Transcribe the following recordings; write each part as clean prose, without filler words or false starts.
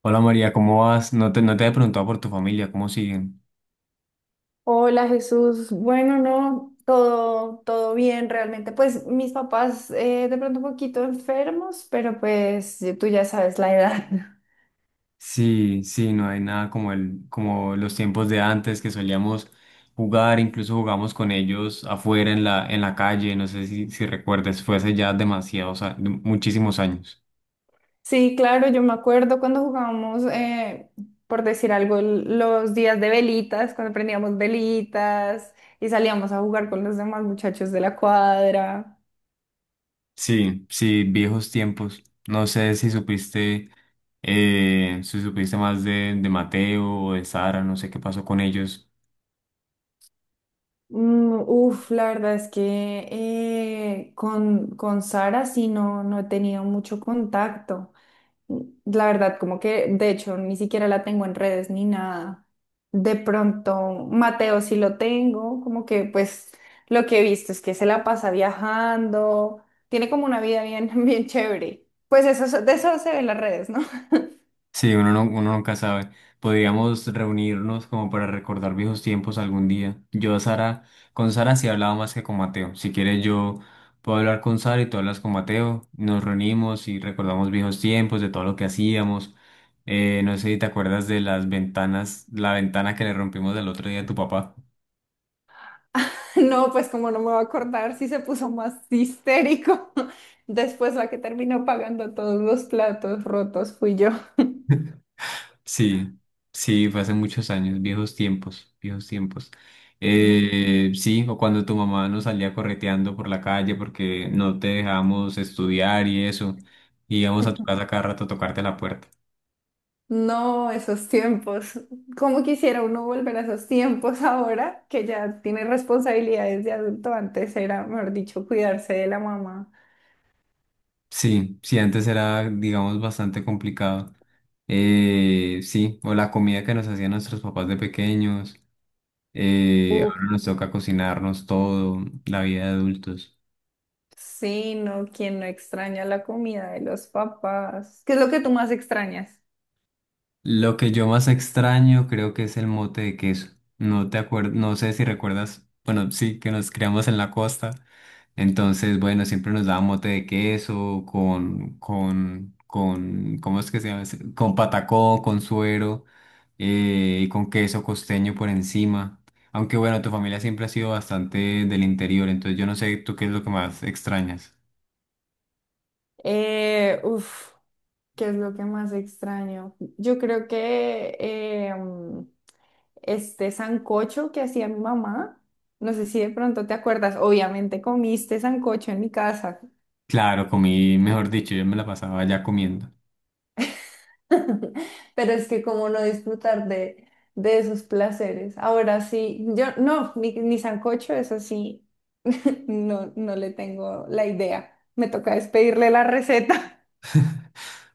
Hola María, ¿cómo vas? No te he preguntado por tu familia, ¿cómo siguen? Hola Jesús, bueno, no, todo bien realmente. Pues mis papás de pronto un poquito enfermos, pero pues tú ya sabes la edad. Sí, sí, no hay nada como como los tiempos de antes que solíamos jugar, incluso jugamos con ellos afuera en en la calle, no sé si recuerdas, fue hace ya muchísimos años. Sí, claro, yo me acuerdo cuando jugábamos, por decir algo, los días de velitas, cuando prendíamos velitas y salíamos a jugar con los demás muchachos de la cuadra. Sí, sí, viejos tiempos. No sé si supiste, si supiste más de Mateo o de Sara, no sé qué pasó con ellos. Mm, uf, la verdad es que con Sara no he tenido mucho contacto. La verdad, como que de hecho ni siquiera la tengo en redes ni nada. De pronto, Mateo sí lo tengo, como que pues lo que he visto es que se la pasa viajando, tiene como una vida bien, bien chévere. Pues eso, de eso se ven las redes, ¿no? Sí, uno, no, uno nunca sabe. Podríamos reunirnos como para recordar viejos tiempos algún día. Con Sara sí hablaba más que con Mateo. Si quieres yo puedo hablar con Sara y tú hablas con Mateo. Nos reunimos y recordamos viejos tiempos, de todo lo que hacíamos. No sé si te acuerdas de la ventana que le rompimos del otro día a tu papá. No, pues como no me voy a acordar si se puso más histérico. Después la que terminó pagando todos los platos rotos fui yo. Sí, sí, fue hace muchos años, viejos tiempos, viejos tiempos. Sí. Sí, o cuando tu mamá nos salía correteando por la calle porque no te dejábamos estudiar y eso, y íbamos a tu casa cada rato a tocarte la puerta. No, esos tiempos. ¿Cómo quisiera uno volver a esos tiempos ahora que ya tiene responsabilidades de adulto? Antes era, mejor dicho, cuidarse de la mamá. Sí, sí, antes era, digamos, bastante complicado. Sí, o la comida que nos hacían nuestros papás de pequeños, Uf, ahora nos toca cocinarnos todo, la vida de adultos. sí, no, quien no extraña la comida de los papás. ¿Qué es lo que tú más extrañas? Lo que yo más extraño creo que es el mote de queso. No sé si recuerdas, bueno, sí, que nos criamos en la costa. Entonces, bueno, siempre nos daban mote de queso con, ¿cómo es que se llama? ¿ese? Con patacón, con suero y con queso costeño por encima. Aunque bueno, tu familia siempre ha sido bastante del interior, entonces yo no sé tú qué es lo que más extrañas. Uf, ¿qué es lo que más extraño? Yo creo que este sancocho que hacía mi mamá, no sé si de pronto te acuerdas, obviamente comiste sancocho en mi casa. Claro, comí, mejor dicho, yo me la pasaba allá comiendo. Pero es que como no disfrutar de esos placeres. Ahora sí, yo no, mi sancocho es así, no, no le tengo la idea. Me toca despedirle la receta.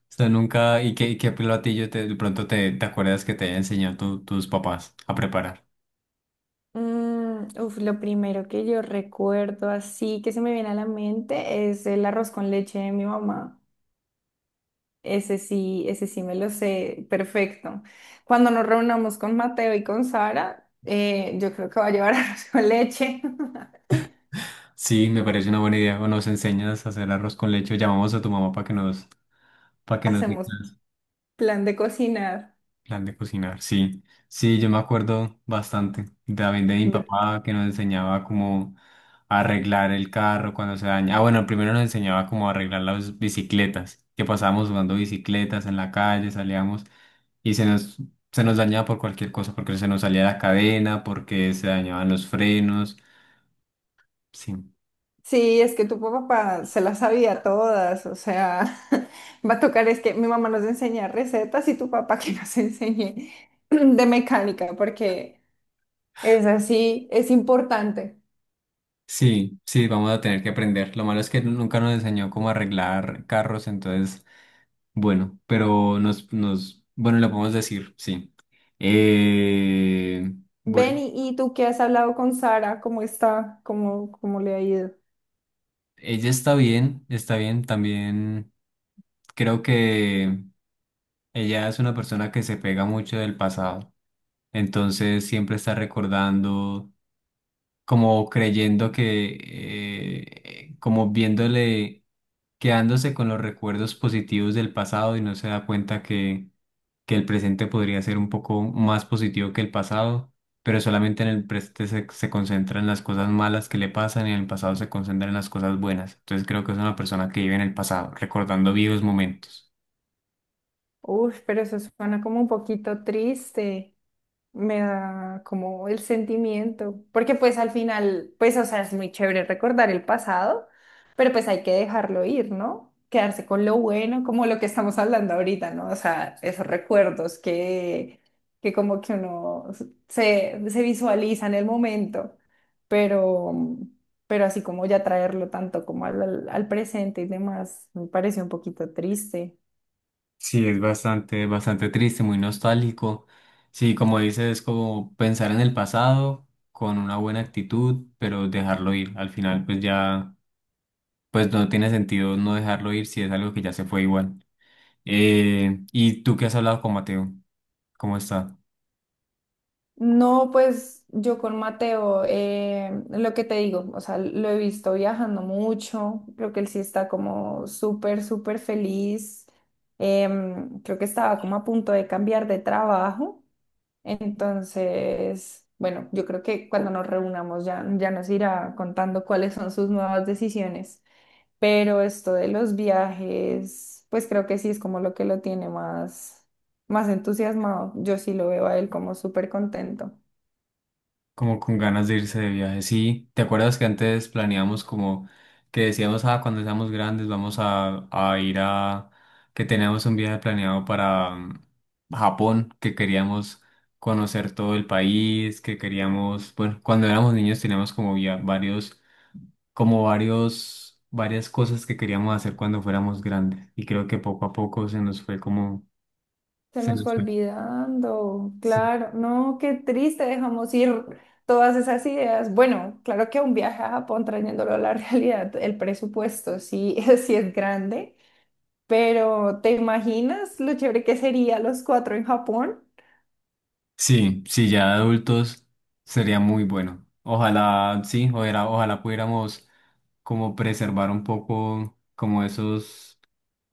O sea, nunca, ¿y qué platillo te acuerdas que te haya enseñado tus papás a preparar? Mm, uf, lo primero que yo recuerdo así que se me viene a la mente es el arroz con leche de mi mamá. Ese sí me lo sé perfecto. Cuando nos reunamos con Mateo y con Sara, yo creo que va a llevar arroz con leche. Sí, me parece una buena idea. O nos enseñas a hacer arroz con leche, o llamamos a tu mamá para que para que nos dé Hacemos clase. plan de cocinar. Plan de cocinar, sí. Sí, yo me acuerdo bastante. También de mi Ve- papá que nos enseñaba cómo arreglar el carro cuando se daña. Ah, bueno, primero nos enseñaba cómo arreglar las bicicletas, que pasábamos jugando bicicletas en la calle, salíamos y se nos dañaba por cualquier cosa, porque se nos salía la cadena, porque se dañaban los frenos. Sí. Sí, es que tu papá se las sabía todas, o sea, va a tocar, es que mi mamá nos enseña recetas y tu papá que nos enseñe de mecánica, porque es así, es importante. Sí, sí, vamos a tener que aprender. Lo malo es que nunca nos enseñó cómo arreglar carros, entonces bueno, pero bueno, lo podemos decir, sí. Eh, Ven bueno, y tú que has hablado con Sara, ¿cómo está? ¿Cómo, cómo le ha ido? Ella está bien, está bien. También creo que ella es una persona que se pega mucho del pasado. Entonces siempre está recordando, como creyendo que, como viéndole, quedándose con los recuerdos positivos del pasado y no se da cuenta que el presente podría ser un poco más positivo que el pasado, pero solamente en el presente se concentra en las cosas malas que le pasan y en el pasado se concentra en las cosas buenas. Entonces creo que es una persona que vive en el pasado, recordando vivos momentos. Uf, pero eso suena como un poquito triste. Me da como el sentimiento, porque pues al final, pues o sea, es muy chévere recordar el pasado, pero pues hay que dejarlo ir, ¿no? Quedarse con lo bueno, como lo que estamos hablando ahorita, ¿no? O sea, esos recuerdos que como que uno se visualiza en el momento, pero, pero así como ya traerlo tanto como al, al presente y demás, me parece un poquito triste. Sí, es bastante, bastante triste, muy nostálgico. Sí, como dices, es como pensar en el pasado con una buena actitud, pero dejarlo ir. Al final, pues ya, pues no tiene sentido no dejarlo ir si es algo que ya se fue igual. ¿Y tú qué has hablado con Mateo? ¿Cómo está? No, pues yo con Mateo, lo que te digo, o sea, lo he visto viajando mucho, creo que él sí está como súper, súper feliz, creo que estaba como a punto de cambiar de trabajo, entonces, bueno, yo creo que cuando nos reunamos ya, ya nos irá contando cuáles son sus nuevas decisiones, pero esto de los viajes, pues creo que sí es como lo que lo tiene más, más entusiasmado, yo sí lo veo a él como súper contento. Como con ganas de irse de viaje. Sí, ¿te acuerdas que antes planeamos como que decíamos, ah, cuando seamos grandes vamos a ir que teníamos un viaje planeado para Japón, que queríamos conocer todo el país, que queríamos, bueno, cuando éramos niños teníamos como ya varias cosas que queríamos hacer cuando fuéramos grandes. Y creo que poco a poco se nos fue como, Se se nos fue nos fue. olvidando, Sí. claro, no, qué triste, dejamos ir todas esas ideas. Bueno, claro que un viaje a Japón trayéndolo a la realidad, el presupuesto sí, sí es grande, pero ¿te imaginas lo chévere que sería los cuatro en Japón? Sí, sí, ya de adultos sería muy bueno. Ojalá, sí, ojalá, ojalá pudiéramos como preservar un poco como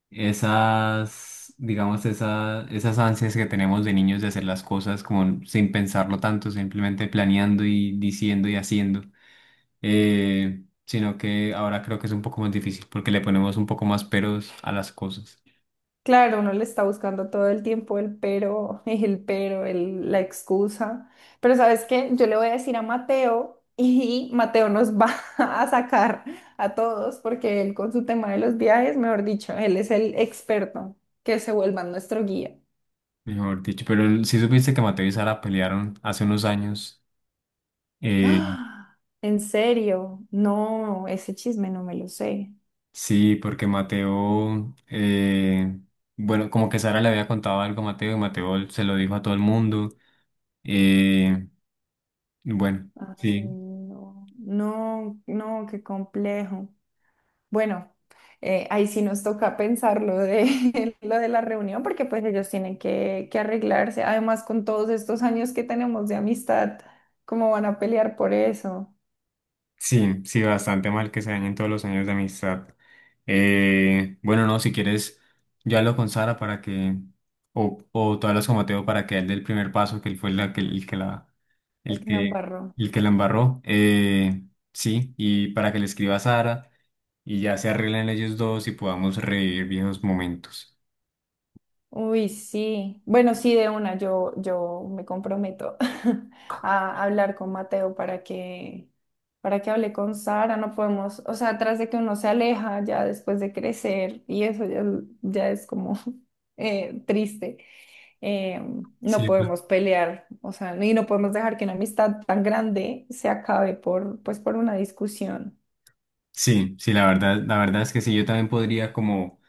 esas, digamos, esas ansias que tenemos de niños de hacer las cosas como sin pensarlo tanto, simplemente planeando y diciendo y haciendo. Sino que ahora creo que es un poco más difícil porque le ponemos un poco más peros a las cosas, Claro, uno le está buscando todo el tiempo el pero, el pero, la excusa. Pero ¿sabes qué? Yo le voy a decir a Mateo y Mateo nos va a sacar a todos porque él con su tema de los viajes, mejor dicho, él es el experto que se vuelva nuestro guía. mejor dicho. Pero si supiste que Mateo y Sara pelearon hace unos años. eh, ¡Ah! ¿En serio? No, ese chisme no me lo sé. Sí, porque bueno, como que Sara le había contado algo a Mateo y Mateo se lo dijo a todo el mundo. eh, bueno, Ay, sí, no, no, no, qué complejo. Bueno, ahí sí nos toca pensar lo de, lo de la reunión, porque pues ellos tienen que arreglarse. Además, con todos estos años que tenemos de amistad, ¿cómo van a pelear por eso? sí, sí, bastante mal que se dañen todos los años de amistad. Bueno, no, si quieres, yo hablo con Sara para o tú hablas con Mateo para que él dé el primer paso, que él fue la, que, El el que la que, embarró. el que la embarró. Sí, y para que le escriba a Sara y ya se arreglen ellos dos y podamos revivir viejos momentos. Uy, sí. Bueno, sí, de una, yo me comprometo a hablar con Mateo para que hable con Sara. No podemos, o sea, tras de que uno se aleja ya después de crecer y eso ya, ya es como triste. eh, no Sí, la- podemos pelear, o sea, y no podemos dejar que una amistad tan grande se acabe por, pues, por una discusión. sí, sí, la verdad es que sí, yo también podría como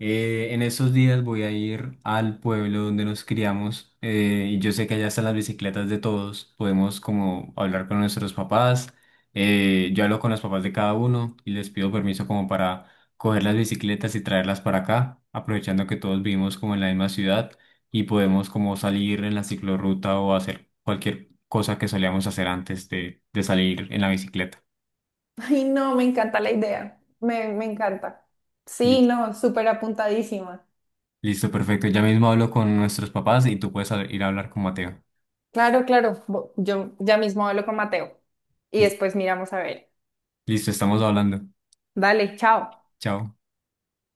En esos días voy a ir al pueblo donde nos criamos y yo sé que allá están las bicicletas de todos. Podemos como hablar con nuestros papás. Yo hablo con los papás de cada uno y les pido permiso como para coger las bicicletas y traerlas para acá, aprovechando que todos vivimos como en la misma ciudad y podemos como salir en la ciclorruta o hacer cualquier cosa que solíamos hacer antes de salir en la bicicleta. Ay, no, me encanta la idea, me encanta. Sí, Listo, no, súper apuntadísima. Listo, perfecto. Ya mismo hablo con nuestros papás y tú puedes ir a hablar con Mateo. Claro, claro, yo ya mismo hablo con Mateo y después miramos a ver. Listo, estamos hablando. Dale, chao. Chao.